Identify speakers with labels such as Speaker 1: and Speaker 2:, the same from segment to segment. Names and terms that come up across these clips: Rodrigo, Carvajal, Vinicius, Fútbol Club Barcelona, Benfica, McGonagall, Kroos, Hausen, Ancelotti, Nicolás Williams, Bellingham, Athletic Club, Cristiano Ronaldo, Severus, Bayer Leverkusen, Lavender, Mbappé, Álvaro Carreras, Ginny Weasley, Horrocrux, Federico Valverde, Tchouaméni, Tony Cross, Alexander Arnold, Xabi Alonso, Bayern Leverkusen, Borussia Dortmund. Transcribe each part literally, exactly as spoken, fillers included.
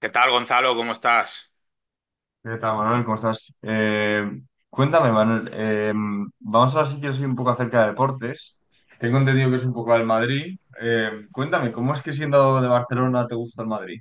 Speaker 1: ¿Qué tal, Gonzalo? ¿Cómo estás?
Speaker 2: ¿Qué tal, Manuel? ¿Cómo estás? Eh, cuéntame, Manuel. Eh, vamos a hablar si quieres hoy un poco acerca de deportes. Tengo entendido que es un poco al Madrid. Eh, cuéntame, ¿cómo es que siendo de Barcelona te gusta el Madrid?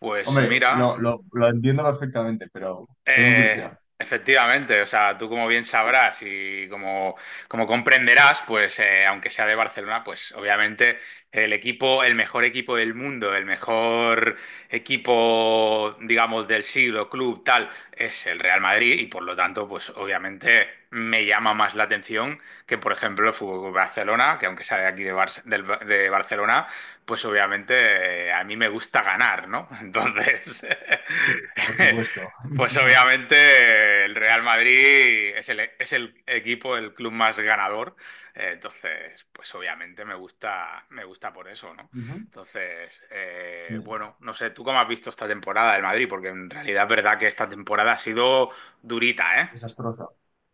Speaker 1: Pues
Speaker 2: Hombre, lo,
Speaker 1: mira,
Speaker 2: lo- lo entiendo perfectamente, pero tengo
Speaker 1: Eh,
Speaker 2: curiosidad.
Speaker 1: efectivamente, o sea, tú como bien sabrás y como, como comprenderás, pues eh, aunque sea de Barcelona, pues obviamente el equipo, el mejor equipo del mundo, el mejor equipo, digamos, del siglo, club, tal, es el Real Madrid y por lo tanto, pues obviamente me llama más la atención que, por ejemplo, el Fútbol Club Barcelona, que aunque sea de aquí de, Bar- del- de Barcelona, pues obviamente eh, a mí me gusta ganar, ¿no? Entonces...
Speaker 2: Sí. Por supuesto.
Speaker 1: Pues obviamente el Real Madrid es el, es el equipo, el club más ganador. Eh, Entonces, pues obviamente me gusta, me gusta por eso, ¿no?
Speaker 2: Ujú.
Speaker 1: Entonces, eh,
Speaker 2: Sí,
Speaker 1: bueno, no sé, ¿tú cómo has visto esta temporada del Madrid? Porque en realidad es verdad que esta temporada ha sido durita, ¿eh?
Speaker 2: desastrosa.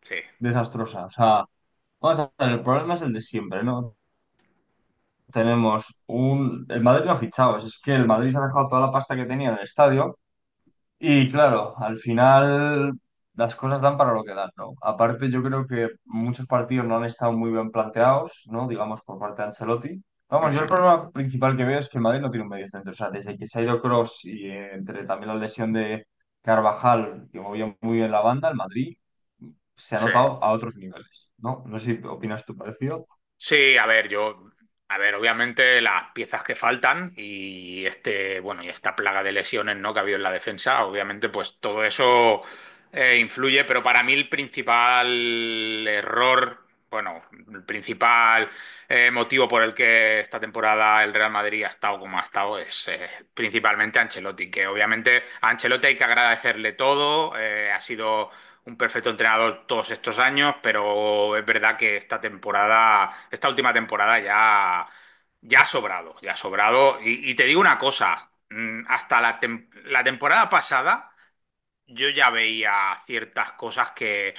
Speaker 1: Sí.
Speaker 2: Desastrosa. O sea, vamos a ver, el problema es el de siempre, ¿no? Tenemos un... El Madrid no ha fichado, es que el Madrid se ha dejado toda la pasta que tenía en el estadio. Y claro, al final las cosas dan para lo que dan, ¿no? Aparte, yo creo que muchos partidos no han estado muy bien planteados, ¿no? Digamos, por parte de Ancelotti. Vamos, yo el
Speaker 1: Ujú.
Speaker 2: problema principal que veo es que el Madrid no tiene un medio centro. O sea, desde que se ha ido Kroos y eh, entre también la lesión de Carvajal, que movía muy bien la banda, el Madrid se ha
Speaker 1: Sí.
Speaker 2: notado a otros niveles, ¿no? No sé si opinas tú parecido.
Speaker 1: Sí, a ver, yo, a ver, obviamente las piezas que faltan y este, bueno, y esta plaga de lesiones, ¿no?, que ha habido en la defensa, obviamente, pues todo eso eh, influye, pero para mí el principal error, bueno, el principal eh, motivo por el que esta temporada el Real Madrid ha estado como ha estado es eh, principalmente Ancelotti, que obviamente a Ancelotti hay que agradecerle todo. Eh, ha sido un perfecto entrenador todos estos años, pero es verdad que esta temporada, esta última temporada ya, ya ha sobrado, ya ha sobrado. Y, y te digo una cosa, mm, hasta la, tem- la temporada pasada yo ya veía ciertas cosas que,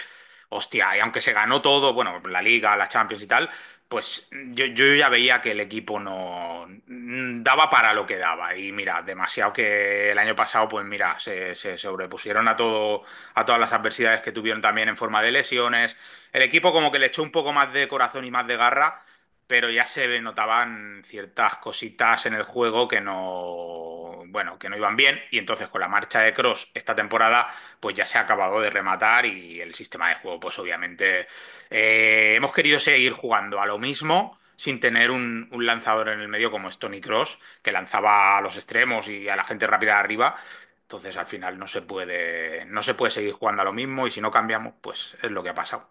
Speaker 1: hostia, y aunque se ganó todo, bueno, la Liga, la Champions y tal, pues yo, yo ya veía que el equipo no mm, daba para lo que daba. Y mira, demasiado que el año pasado, pues mira, se, se sobrepusieron a todo, a todas las adversidades que tuvieron también en forma de lesiones. El equipo como que le echó un poco más de corazón y más de garra, pero ya se notaban ciertas cositas en el juego que no, bueno, que no iban bien, y entonces con la marcha de Cross esta temporada pues ya se ha acabado de rematar, y el sistema de juego pues obviamente eh, hemos querido seguir jugando a lo mismo sin tener un, un lanzador en el medio como es Tony Cross, que lanzaba a los extremos y a la gente rápida de arriba. Entonces al final no se puede, no se puede seguir jugando a lo mismo, y si no cambiamos pues es lo que ha pasado.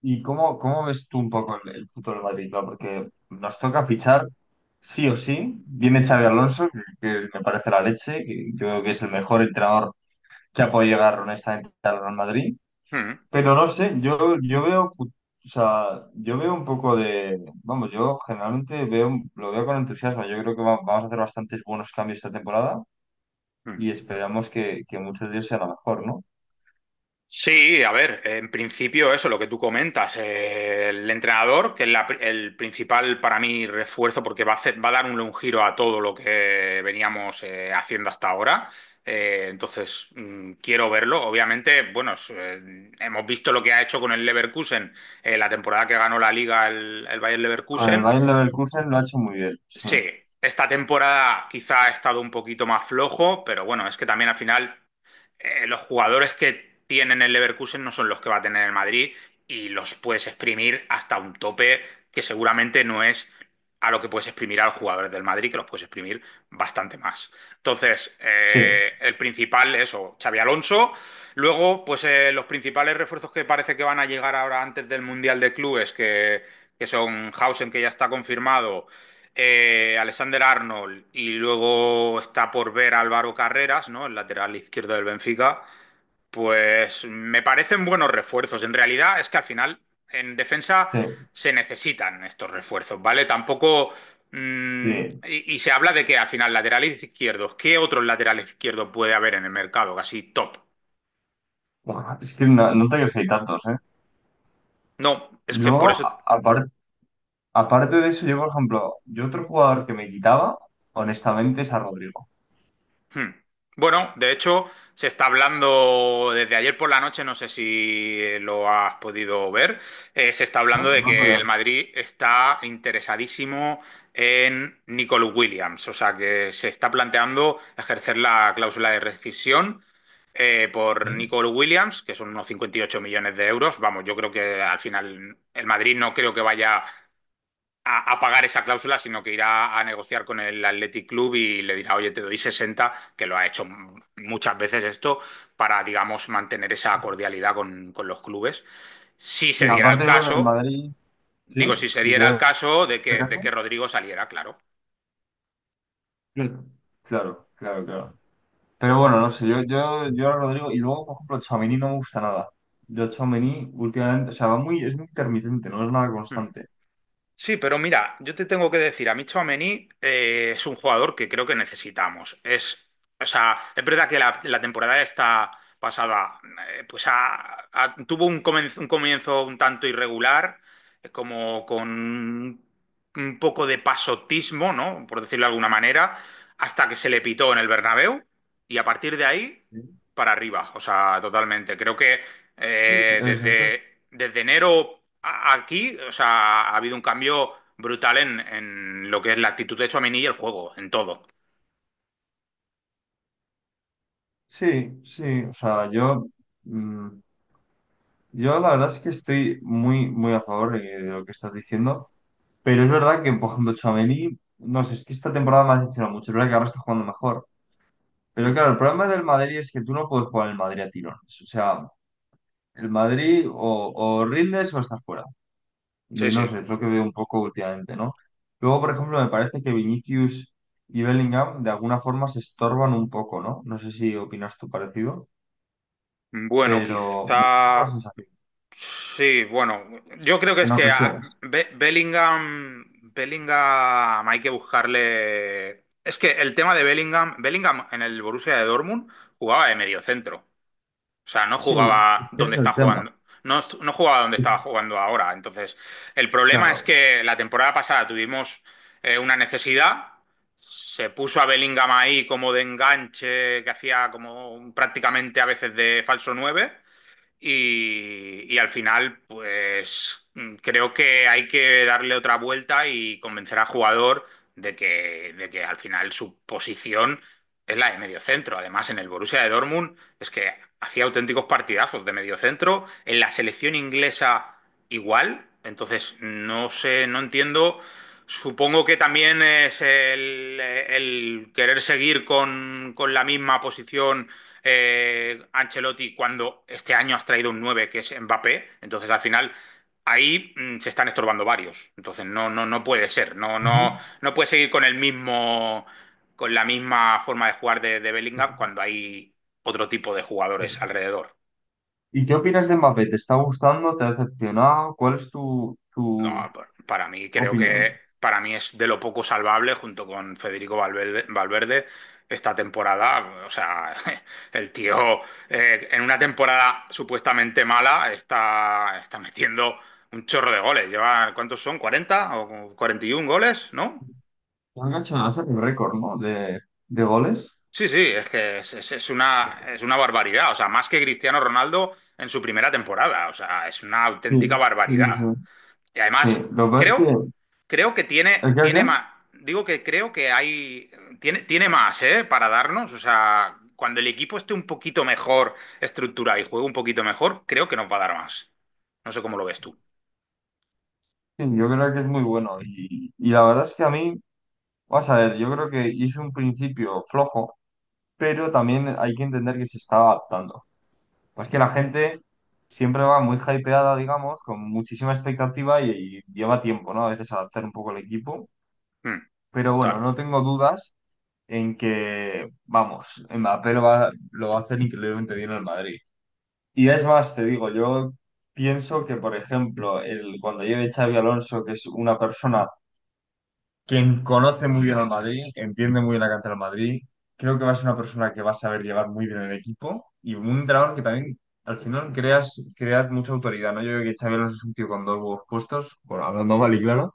Speaker 2: ¿Y cómo, cómo ves tú un poco el, el futuro del Madrid, claro? Porque nos toca fichar sí o sí. Viene Xavi Alonso, que, que me parece la leche, que yo creo que es el mejor entrenador que ha podido llegar honestamente al Real Madrid.
Speaker 1: Mm,
Speaker 2: Pero no sé, yo, yo veo, fu- o sea, yo veo un poco de, vamos, yo generalmente veo, lo veo con entusiasmo. Yo creo que va- vamos a hacer bastantes buenos cambios esta temporada
Speaker 1: mm.
Speaker 2: y esperamos que, que muchos de ellos sean a lo mejor, ¿no?
Speaker 1: Sí, a ver, en principio eso, lo que tú comentas, eh, el entrenador, que es la pri- el principal para mí refuerzo, porque va a hacer- va a dar un, un giro a todo lo que veníamos eh, haciendo hasta ahora. Eh, entonces, mm, quiero verlo. Obviamente, bueno, es, eh, hemos visto lo que ha hecho con el Leverkusen, eh, la temporada que ganó la Liga el, el Bayer
Speaker 2: Con el
Speaker 1: Leverkusen.
Speaker 2: Bayern Leverkusen lo ha hecho muy bien, sí,
Speaker 1: Sí, esta temporada quizá ha estado un poquito más flojo, pero bueno, es que también al final eh, los jugadores que tienen el Leverkusen no son los que va a tener el Madrid, y los puedes exprimir hasta un tope que seguramente no es a lo que puedes exprimir a los jugadores del Madrid, que los puedes exprimir bastante más. Entonces,
Speaker 2: sí,
Speaker 1: eh, el principal es eso, Xavi Alonso. Luego, pues eh, los principales refuerzos que parece que van a llegar ahora antes del Mundial de Clubes, que, que son Hausen, que ya está confirmado, eh, Alexander Arnold, y luego está por ver Álvaro Carreras, ¿no? El lateral izquierdo del Benfica. Pues me parecen buenos refuerzos. En realidad es que al final en defensa
Speaker 2: sí.
Speaker 1: se necesitan estos refuerzos, ¿vale? Tampoco. mmm,
Speaker 2: Sí.
Speaker 1: y, y se habla de que al final laterales izquierdos, ¿qué otros laterales izquierdos puede haber en el mercado? Casi top.
Speaker 2: Buah, es que no, no te crees que hay tantos, ¿eh?
Speaker 1: No,
Speaker 2: Y
Speaker 1: es que por
Speaker 2: luego,
Speaker 1: eso...
Speaker 2: a- apar- aparte de eso, yo, por ejemplo, yo otro jugador que me quitaba, honestamente, es a Rodrigo.
Speaker 1: Hmm. Bueno, de hecho, se está hablando desde ayer por la noche, no sé si lo has podido ver, eh, se está
Speaker 2: No,
Speaker 1: hablando de
Speaker 2: no,
Speaker 1: que el
Speaker 2: pero...
Speaker 1: Madrid está interesadísimo en Nicolás Williams, o sea que se está planteando ejercer la cláusula de rescisión eh, por
Speaker 2: ¿Sí?
Speaker 1: Nicolás Williams, que son unos cincuenta y ocho millones de euros. Vamos, yo creo que al final el Madrid no creo que vaya a, a pagar esa cláusula, sino que irá a negociar con el Athletic Club y le dirá: oye, te doy sesenta, que lo ha hecho m- muchas veces esto, para, digamos, mantener esa
Speaker 2: Sí.
Speaker 1: cordialidad con, con los clubes. Si
Speaker 2: Sí,
Speaker 1: se diera el
Speaker 2: aparte yo creo que el
Speaker 1: caso,
Speaker 2: Madrid, sí,
Speaker 1: digo, si se
Speaker 2: si se
Speaker 1: diera el
Speaker 2: da
Speaker 1: caso de
Speaker 2: el
Speaker 1: que, de
Speaker 2: caso.
Speaker 1: que Rodrigo saliera, claro.
Speaker 2: Claro, claro, claro. Claro. Pero bueno, no sé, yo, yo, yo a Rodrigo, y luego, por ejemplo, Tchouaméni no me gusta nada. Yo Tchouaméni últimamente, o sea, va muy, es muy intermitente, no es nada
Speaker 1: Hmm.
Speaker 2: constante.
Speaker 1: Sí, pero mira, yo te tengo que decir, a mí Tchouaméni eh, es un jugador que creo que necesitamos. Es, o sea, es verdad que la, la temporada esta pasada eh, pues ha- ha- tuvo un comienzo, un comienzo un tanto irregular, eh, como con un poco de pasotismo, ¿no? Por decirlo de alguna manera, hasta que se le pitó en el Bernabéu, y a partir de ahí
Speaker 2: Sí.
Speaker 1: para arriba, o sea, totalmente. Creo que eh,
Speaker 2: Es- esto es-
Speaker 1: desde, desde enero a- aquí, o sea, ha habido un cambio brutal en, en lo que es la actitud de Tchouaméni y el juego, en todo.
Speaker 2: sí, sí, o sea, yo... mm, yo la verdad es que estoy muy, muy a favor eh, de lo que estás diciendo, pero es verdad que, por ejemplo, Tchouaméni, no sé, es que esta temporada me ha decepcionado mucho, es verdad que ahora está jugando mejor. Pero
Speaker 1: Mm.
Speaker 2: claro, el problema del Madrid es que tú no puedes jugar el Madrid a tirones. O sea, el Madrid o, o rindes o estás fuera. Y
Speaker 1: Sí,
Speaker 2: no
Speaker 1: sí.
Speaker 2: sé, es lo que veo un poco últimamente, ¿no? Luego, por ejemplo, me parece que Vinicius y Bellingham de alguna forma se estorban un poco, ¿no? No sé si opinas tú parecido,
Speaker 1: Bueno,
Speaker 2: pero me da un poco la
Speaker 1: quizá...
Speaker 2: sensación,
Speaker 1: Sí, bueno, yo creo que es
Speaker 2: en
Speaker 1: que a-
Speaker 2: ocasiones.
Speaker 1: Be- Bellingham, Bellingham hay que buscarle... Es que el tema de Bellingham, Bellingham en el Borussia de Dortmund jugaba de mediocentro. O sea, no
Speaker 2: Sí,
Speaker 1: jugaba
Speaker 2: es que ese
Speaker 1: donde
Speaker 2: es
Speaker 1: está
Speaker 2: el tema.
Speaker 1: jugando. No, no jugaba donde
Speaker 2: Es-
Speaker 1: estaba jugando ahora. Entonces, el problema es
Speaker 2: claro.
Speaker 1: que la temporada pasada tuvimos eh, una necesidad. Se puso a Bellingham ahí como de enganche, que hacía como un- prácticamente a veces de falso nueve. Y, y al final, pues mm, creo que hay que darle otra vuelta y convencer al jugador de que, de que al final su posición es la de mediocentro. Además, en el Borussia de Dortmund es que hacía auténticos partidazos de mediocentro. En la selección inglesa igual. Entonces, no sé, no entiendo. Supongo que también es el, el querer seguir con, con la misma posición. eh, Ancelotti cuando este año has traído un nueve que es Mbappé, entonces al final ahí mm, se están estorbando varios. Entonces no, no, no puede ser, no, no,
Speaker 2: Ujú.
Speaker 1: no puede seguir con el mismo, con la misma forma de jugar de, de
Speaker 2: Sí,
Speaker 1: Bellingham cuando hay otro tipo de jugadores
Speaker 2: sí.
Speaker 1: alrededor.
Speaker 2: ¿Y qué opinas de Mbappé? ¿Te está gustando? ¿Te ha decepcionado? ¿Cuál es tu,
Speaker 1: No,
Speaker 2: tu
Speaker 1: pa- para mí creo que
Speaker 2: opinión?
Speaker 1: para mí es de lo poco salvable junto con Federico Valverde, Valverde esta temporada. O sea, el tío eh, en una temporada supuestamente mala está, está metiendo un chorro de goles. Lleva, ¿cuántos son?, ¿cuarenta o cuarenta y un goles? ¿No?
Speaker 2: Han hecho hacer un récord, ¿no? De, de goles.
Speaker 1: Sí, sí, es que es, es- es una, es una barbaridad. O sea, más que Cristiano Ronaldo en su primera temporada. O sea, es una auténtica
Speaker 2: Sí, sí,
Speaker 1: barbaridad.
Speaker 2: sí.
Speaker 1: Y
Speaker 2: Sí,
Speaker 1: además,
Speaker 2: lo que pasa
Speaker 1: creo,
Speaker 2: es
Speaker 1: creo que
Speaker 2: que, ¿el
Speaker 1: tiene,
Speaker 2: qué, el qué?
Speaker 1: tiene más, digo que creo que hay, tiene, tiene más, ¿eh? Para darnos, o sea, cuando el equipo esté un poquito mejor estructurado y juegue un poquito mejor, creo que nos va a dar más. No sé cómo lo ves tú.
Speaker 2: Sí, yo creo que es muy bueno. Y, y la verdad es que a mí, vas a ver, yo creo que hizo un principio flojo, pero también hay que entender que se está adaptando. Pues que la gente siempre va muy hypeada, digamos, con muchísima expectativa y, y lleva tiempo, ¿no? A veces adaptar un poco el equipo.
Speaker 1: Mm,
Speaker 2: Pero bueno,
Speaker 1: total.
Speaker 2: no tengo dudas en que, vamos, Mbappé lo va, lo va a hacer increíblemente bien en el Madrid. Y es más, te digo, yo pienso que, por ejemplo, el, cuando lleve Xavi Alonso, que es una persona quien conoce muy bien al Madrid, entiende muy bien la cantera del Madrid, creo que va a ser una persona que va a saber llevar muy bien el equipo y un entrenador que también al final creas, creas mucha autoridad, ¿no? Yo creo que Xabi Alonso es un tío con dos huevos puestos, bueno, hablando mal y claro,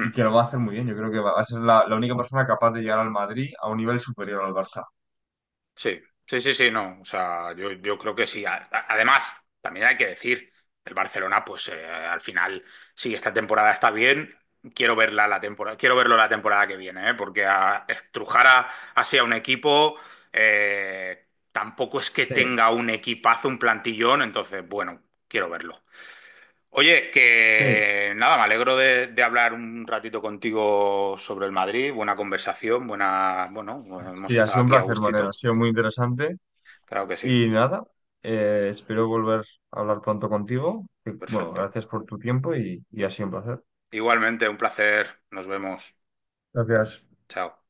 Speaker 2: y que lo va a hacer muy bien. Yo creo que va va a ser la, la única persona capaz de llegar al Madrid a un nivel superior al Barça.
Speaker 1: Sí, sí, sí, sí, no. O sea, yo, yo creo que sí. A- a- Además, también hay que decir, el Barcelona, pues eh, al final, sí, esta temporada está bien. Quiero verla la temporada, quiero verlo la temporada que viene, ¿eh? Porque a, estrujar a- así a un equipo eh, tampoco es que
Speaker 2: Sí,
Speaker 1: tenga un equipazo, un plantillón, entonces, bueno, quiero verlo. Oye,
Speaker 2: sí.
Speaker 1: que nada, me alegro de, de hablar un ratito contigo sobre el Madrid. Buena conversación, buena, bueno, hemos
Speaker 2: Sí, ha
Speaker 1: estado
Speaker 2: sido un
Speaker 1: aquí a
Speaker 2: placer, Manuel, ha
Speaker 1: gustito.
Speaker 2: sido muy interesante
Speaker 1: Claro que sí.
Speaker 2: y nada, eh, espero volver a hablar pronto contigo. Bueno,
Speaker 1: Perfecto.
Speaker 2: gracias por tu tiempo y, y ha sido un placer.
Speaker 1: Igualmente, un placer. Nos vemos.
Speaker 2: Gracias.
Speaker 1: Chao.